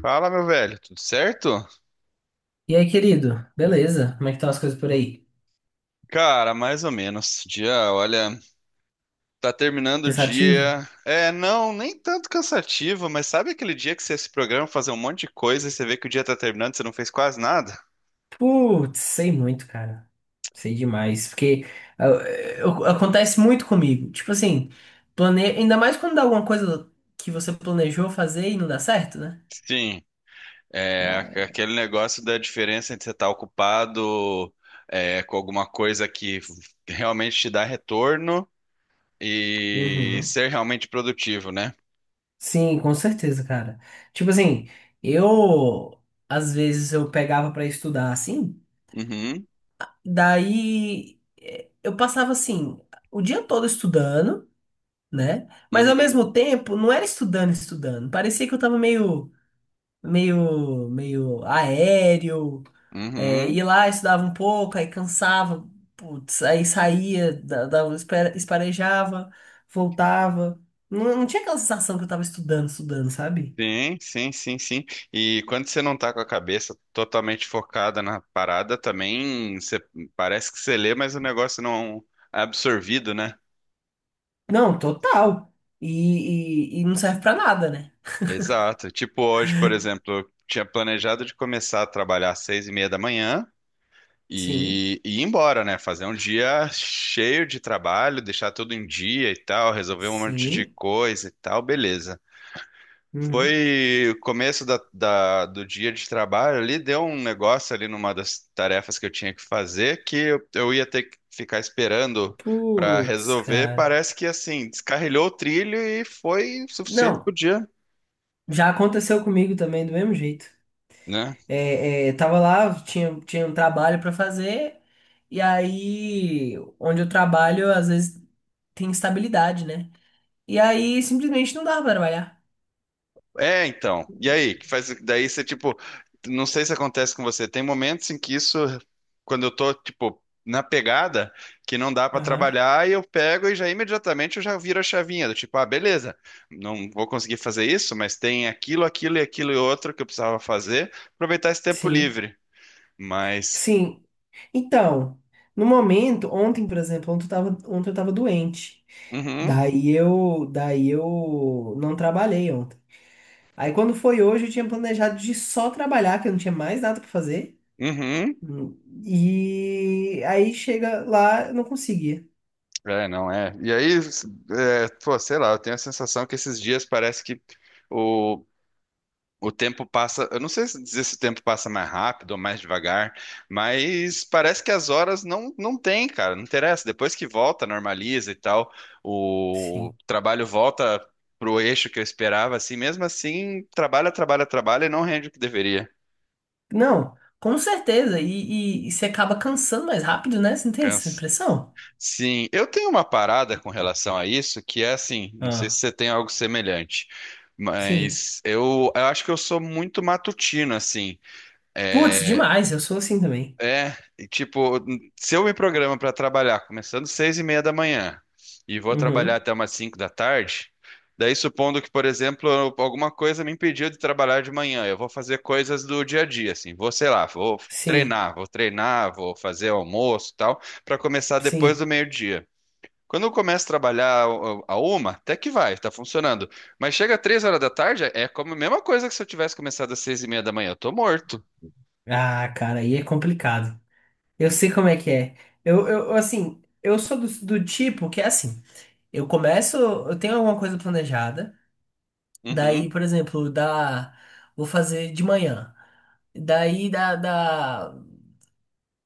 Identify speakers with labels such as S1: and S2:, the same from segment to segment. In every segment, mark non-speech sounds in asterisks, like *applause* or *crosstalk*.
S1: Fala, meu velho, tudo certo?
S2: E aí, querido? Beleza? Como é que estão as coisas por aí?
S1: Cara, mais ou menos. Dia, olha, tá terminando o
S2: Cansativo?
S1: dia. É, não, nem tanto cansativo, mas sabe aquele dia que você se programa pra fazer um monte de coisa e você vê que o dia tá terminando e você não fez quase nada?
S2: Putz, sei muito, cara. Sei demais. Porque ah, acontece muito comigo. Tipo assim, ainda mais quando dá alguma coisa que você planejou fazer e não dá certo, né?
S1: Sim, é aqu-
S2: Ah,
S1: aquele negócio da diferença entre você estar ocupado, é, com alguma coisa que realmente te dá retorno e
S2: Uhum.
S1: ser realmente produtivo, né?
S2: Sim, com certeza, cara. Tipo assim, eu às vezes eu pegava pra estudar assim,
S1: Uhum,
S2: daí eu passava assim o dia todo estudando, né? Mas ao
S1: uhum,
S2: mesmo tempo, não era estudando, estudando. Parecia que eu tava meio, meio aéreo. É,
S1: uhum.
S2: ia lá, estudava um pouco, aí cansava, putz, aí saía, dava, esparejava, voltava. Não, não tinha aquela sensação que eu tava estudando, estudando, sabe?
S1: Sim, sim, sim, sim. E quando você não tá com a cabeça totalmente focada na parada, também você, parece que você lê, mas o negócio não é absorvido, né?
S2: Não, total. E não serve pra nada, né?
S1: Exato. Tipo hoje, por exemplo, eu tinha planejado de começar a trabalhar às 6h30 da manhã
S2: Sim,
S1: e ir embora, né? Fazer um dia cheio de trabalho, deixar tudo em dia e tal, resolver um monte de
S2: sim.
S1: coisa e tal, beleza.
S2: Uhum.
S1: Foi o começo do dia de trabalho ali, deu um negócio ali numa das tarefas que eu tinha que fazer que eu ia ter que ficar esperando para
S2: Putz,
S1: resolver.
S2: cara.
S1: Parece que assim, descarrilhou o trilho e foi o suficiente pro
S2: Não,
S1: dia,
S2: já aconteceu comigo também do mesmo jeito.
S1: né?
S2: É, é, tava lá, tinha, tinha um trabalho para fazer, e aí, onde eu trabalho, às vezes tem instabilidade, né? E aí, simplesmente não dava para trabalhar.
S1: É, então. E aí, que faz daí você tipo, não sei se acontece com você, tem momentos em que isso, quando eu tô tipo na pegada que não dá pra
S2: Aham.
S1: trabalhar e eu pego e já imediatamente eu já viro a chavinha do tipo, ah, beleza, não vou conseguir fazer isso, mas tem aquilo, aquilo e aquilo e outro que eu precisava fazer, aproveitar esse tempo
S2: Sim,
S1: livre. Mas.
S2: sim. Então, no momento, ontem, por exemplo, ontem eu tava doente.
S1: Uhum,
S2: Daí eu não trabalhei ontem. Aí quando foi hoje, eu tinha planejado de só trabalhar, que eu não tinha mais nada pra fazer.
S1: uhum.
S2: Hum, E aí chega lá, eu não conseguia.
S1: É, não é. E aí, é, pô, sei lá, eu tenho a sensação que esses dias parece que o O tempo passa, eu não sei se dizer se o tempo passa mais rápido ou mais devagar, mas parece que as horas não tem, cara, não interessa. Depois que volta, normaliza e tal, o
S2: Sim.
S1: trabalho volta pro eixo que eu esperava, assim, mesmo assim, trabalha, trabalha, trabalha e não rende o que deveria.
S2: Não, com certeza. E você acaba cansando mais rápido, né? Você não tem essa
S1: Cansa.
S2: impressão?
S1: Sim, eu tenho uma parada com relação a isso, que é assim, não sei se
S2: Ah,
S1: você tem algo semelhante,
S2: sim.
S1: mas eu acho que eu sou muito matutino, assim.
S2: Putz, demais. Eu sou assim também.
S1: É, e tipo, se eu me programo para trabalhar começando 6h30 da manhã e vou trabalhar
S2: Uhum.
S1: até umas 5 da tarde, daí supondo que, por exemplo, alguma coisa me impediu de trabalhar de manhã, eu vou fazer coisas do dia a dia, assim, vou, sei lá, vou
S2: Sim,
S1: treinar, vou treinar, vou fazer almoço e tal, para começar depois do
S2: sim.
S1: meio-dia. Quando eu começo a trabalhar a uma, até que vai, tá funcionando. Mas chega 3 horas da tarde, é como a mesma coisa que se eu tivesse começado às 6h30 da manhã, eu tô morto.
S2: Ah, cara, aí é complicado. Eu sei como é que é. Eu assim, eu sou do, do tipo que é assim. Eu começo, eu tenho alguma coisa planejada.
S1: Uhum,
S2: Daí, por exemplo, vou fazer de manhã. Daí,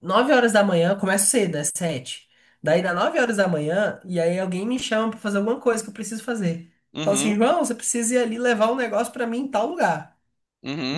S2: 9 horas da manhã, começa cedo, é sete. Daí dá 9 horas da manhã, e aí alguém me chama pra fazer alguma coisa que eu preciso fazer. Fala assim,
S1: uhum,
S2: João, você precisa ir ali levar um negócio pra mim em tal lugar.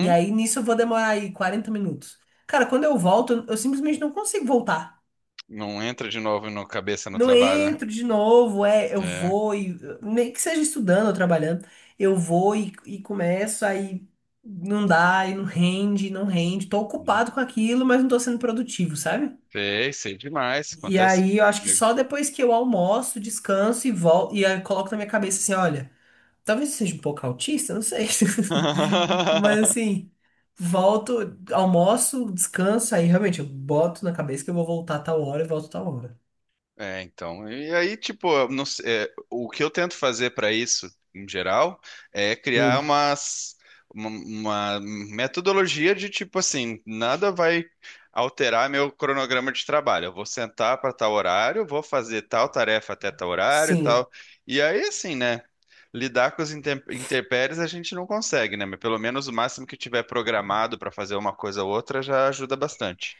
S2: E aí nisso eu vou demorar aí 40 minutos. Cara, quando eu volto, eu simplesmente não consigo voltar.
S1: Não entra de novo no cabeça no
S2: Não
S1: trabalho, né?
S2: entro de novo, é, eu
S1: É.
S2: vou e. Nem que seja estudando ou trabalhando, eu vou e começo, aí não dá, e não rende, não rende. Tô ocupado com aquilo, mas não tô sendo produtivo, sabe?
S1: Sei, sei demais.
S2: E
S1: Acontece
S2: aí eu
S1: muito
S2: acho que
S1: comigo.
S2: só depois que eu almoço, descanso e volto, e aí coloco na minha cabeça assim, olha, talvez eu seja um pouco autista, não sei. *laughs* Mas
S1: *laughs*
S2: assim, volto, almoço, descanso, aí realmente eu boto na cabeça que eu vou voltar tal hora e volto tal hora.
S1: É, então. E aí, tipo, eu não se- é, o que eu tento fazer para isso, em geral, é criar
S2: Hum,
S1: uma, uma metodologia de tipo assim, nada vai alterar meu cronograma de trabalho. Eu vou sentar para tal horário, vou fazer tal tarefa até tal horário e
S2: sim.
S1: tal. E aí, assim, né? Lidar com os intempéries a gente não consegue, né? Mas pelo menos o máximo que tiver programado para fazer uma coisa ou outra já ajuda bastante.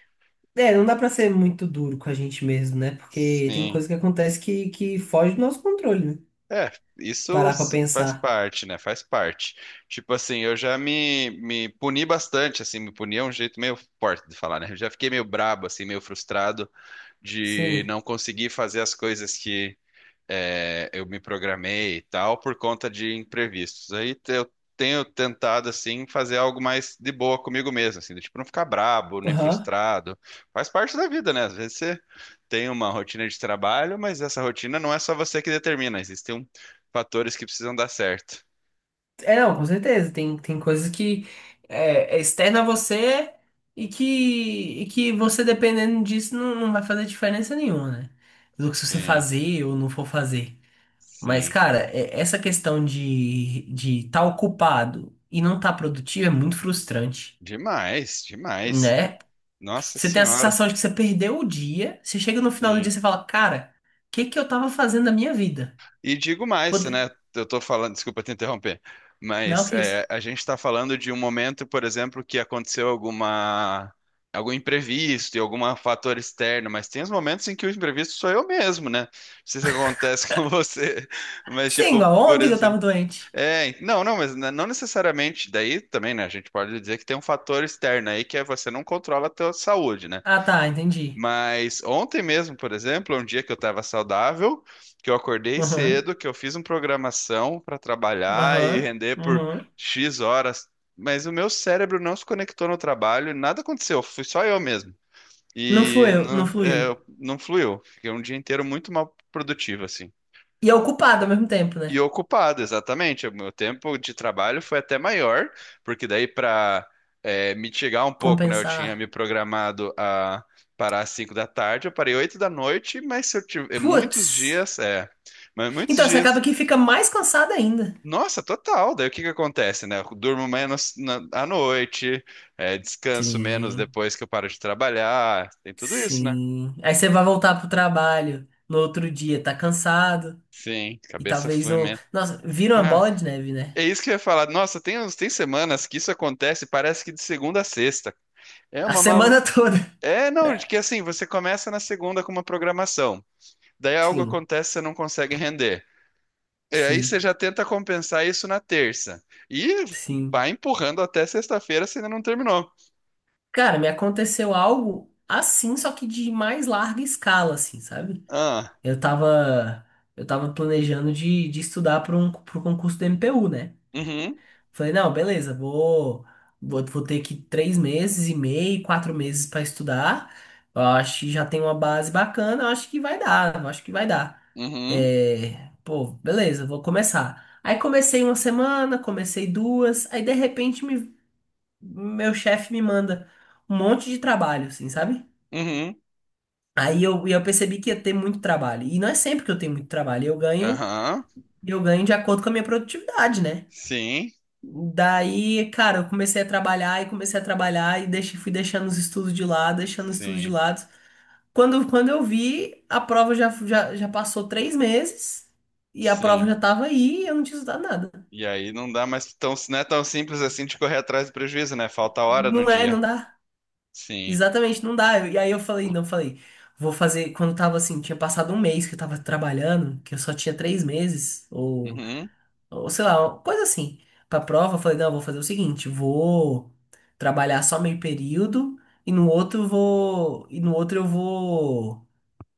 S2: É, não dá pra ser muito duro com a gente mesmo, né? Porque tem
S1: Sim.
S2: coisa que acontece que foge do nosso controle, né?
S1: É, isso
S2: Parar pra
S1: faz
S2: pensar.
S1: parte, né? Faz parte. Tipo assim, eu já me puni bastante, assim, me puni é um jeito meio forte de falar, né? Eu já fiquei meio brabo, assim, meio frustrado de
S2: Sim.
S1: não conseguir fazer as coisas, é, eu me programei e tal por conta de imprevistos. Aí eu tenho tentado assim fazer algo mais de boa comigo mesmo, assim, do tipo não ficar brabo, nem
S2: Aham.
S1: frustrado. Faz parte da vida, né? Às vezes você tem uma rotina de trabalho, mas essa rotina não é só você que determina, existem fatores que precisam dar certo.
S2: É, não, com certeza. Tem, tem coisas que é, é externa a você e que você, dependendo disso, não, não vai fazer diferença nenhuma, né? Do que se você
S1: Sim,
S2: fazer ou não for fazer. Mas,
S1: sim.
S2: cara, é- essa questão de estar ocupado e não estar produtivo é muito frustrante,
S1: Demais, demais.
S2: né?
S1: Nossa
S2: Você tem a
S1: Senhora.
S2: sensação de que você perdeu o dia, você chega no final do dia
S1: Sim.
S2: e você fala, cara, o que que eu tava fazendo da minha vida?
S1: E digo mais,
S2: Pode-
S1: né? Eu tô falando, desculpa te interromper,
S2: Não,
S1: mas
S2: que isso?
S1: é, a gente está falando de um momento, por exemplo, que aconteceu algum imprevisto e algum fator externo, mas tem os momentos em que o imprevisto sou eu mesmo, né? Não sei se acontece *laughs* com você, mas
S2: Sim,
S1: tipo,
S2: igual
S1: por
S2: ontem que eu
S1: exemplo,
S2: tava doente.
S1: é, não, não, mas não necessariamente. Daí também, né? A gente pode dizer que tem um fator externo aí que é você não controla a tua saúde, né?
S2: Ah, tá, entendi.
S1: Mas ontem mesmo, por exemplo, é um dia que eu estava saudável, que eu acordei
S2: Aham,
S1: cedo, que eu fiz uma programação para trabalhar e
S2: aham,
S1: render por
S2: aham.
S1: X horas, mas o meu cérebro não se conectou no trabalho, e nada aconteceu, fui só eu mesmo.
S2: Não
S1: E
S2: fluiu,
S1: não,
S2: não fluiu.
S1: é, não fluiu. Fiquei um dia inteiro muito mal produtivo, assim.
S2: E é ocupado ao mesmo tempo, né?
S1: E ocupado, exatamente. O meu tempo de trabalho foi até maior, porque daí para mitigar um pouco, né? Eu tinha me
S2: Compensar.
S1: programado a parar às 5 da tarde, eu parei 8 da noite, mas se eu tiver muitos
S2: Putz.
S1: dias, é, mas muitos
S2: Então, você
S1: dias.
S2: acaba que fica mais cansado ainda.
S1: Nossa, total. Daí o que que acontece, né? Eu durmo menos à noite, é, descanso menos
S2: Sim,
S1: depois que eu paro de trabalhar, tem tudo isso, né?
S2: sim. Aí você vai voltar pro trabalho no outro dia, tá cansado.
S1: Sim,
S2: E
S1: cabeça
S2: talvez
S1: flui
S2: não.
S1: menos.
S2: Nossa, vira uma bola de neve, né?
S1: É isso que eu ia falar. Nossa, tem, tem semanas que isso acontece, parece que de segunda a sexta. É
S2: A
S1: uma malu...
S2: semana *laughs* toda.
S1: É, não, de que assim, você começa na segunda com uma programação. Daí algo
S2: Sim,
S1: acontece, você não consegue render. E aí você
S2: sim,
S1: já tenta compensar isso na terça. E
S2: sim.
S1: vai empurrando até sexta-feira, você ainda não terminou.
S2: Cara, me aconteceu algo assim, só que de mais larga escala, assim, sabe?
S1: Ah,
S2: Eu tava, eu tava planejando de estudar para um, para concurso do MPU, né?
S1: uhum,
S2: Falei, não, beleza, vou ter que 3 meses e meio, 4 meses para estudar. Eu acho que já tem uma base bacana, eu acho que vai dar, eu acho que vai dar.
S1: uhum,
S2: É, pô, beleza, vou começar. Aí comecei uma semana, comecei duas, aí de repente meu chefe me manda um monte de trabalho, assim, sabe?
S1: uhum,
S2: Aí eu percebi que ia ter muito trabalho. E não é sempre que eu tenho muito trabalho. Eu ganho
S1: aham,
S2: e eu ganho de acordo com a minha produtividade, né?
S1: sim,
S2: Daí, cara, eu comecei a trabalhar e comecei a trabalhar e deixei, fui deixando os estudos de lado, deixando os estudos de
S1: sim,
S2: lado. Quando eu vi, a prova já, já, já passou 3 meses e a prova
S1: sim.
S2: já tava aí e eu não tinha estudado nada.
S1: E aí não dá mais tão, não é tão simples assim de correr atrás do prejuízo, né? Falta hora no
S2: Não é, não
S1: dia.
S2: dá.
S1: Sim.
S2: Exatamente, não dá. E aí eu falei, não, falei, vou fazer. Quando tava assim, tinha passado um mês que eu tava trabalhando, que eu só tinha 3 meses,
S1: Uhum.
S2: ou sei lá, uma coisa assim. Pra prova, eu falei, não, eu vou fazer o seguinte, vou trabalhar só meio período e no outro eu vou,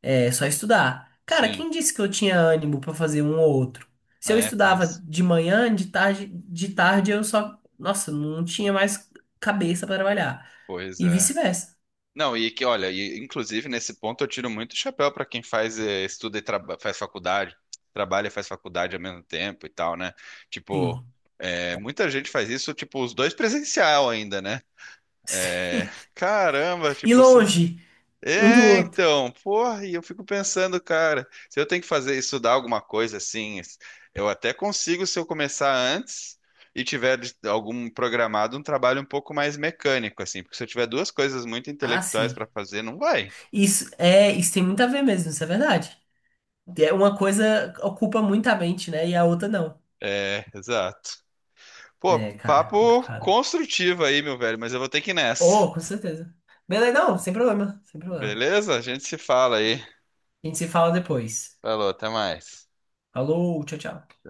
S2: é, só estudar. Cara,
S1: Sim,
S2: quem disse que eu tinha ânimo pra fazer um ou outro? Se eu
S1: é tenso.
S2: estudava de manhã, de tarde eu só, nossa, não tinha mais cabeça pra trabalhar.
S1: Pois
S2: E
S1: é.
S2: vice-versa.
S1: Não, e que, olha, e, inclusive nesse ponto eu tiro muito chapéu para quem faz, estuda e faz faculdade, trabalha e faz faculdade ao mesmo tempo e tal, né? Tipo,
S2: Sim.
S1: muita gente faz isso, tipo, os dois presencial ainda, né?
S2: *laughs*
S1: Eh,
S2: Sim.
S1: *laughs* caramba,
S2: E
S1: tipo,
S2: longe um do
S1: é,
S2: outro.
S1: então, porra, e eu fico pensando, cara, se eu tenho que fazer estudar alguma coisa assim, eu até consigo se eu começar antes e tiver algum programado, um trabalho um pouco mais mecânico assim, porque se eu tiver duas coisas muito
S2: Ah,
S1: intelectuais
S2: sim.
S1: para fazer, não vai.
S2: Isso é, isso tem muito a ver mesmo, isso é verdade. É, uma coisa ocupa muita mente, né? E a outra não.
S1: É, exato. Pô,
S2: É, cara,
S1: papo
S2: complicado.
S1: construtivo aí, meu velho, mas eu vou ter que ir nessa.
S2: Oh, com certeza. Beleza, não, sem problema, sem problema.
S1: Beleza? A gente se fala aí.
S2: A gente se fala depois.
S1: Falou, até mais.
S2: Falou, tchau, tchau.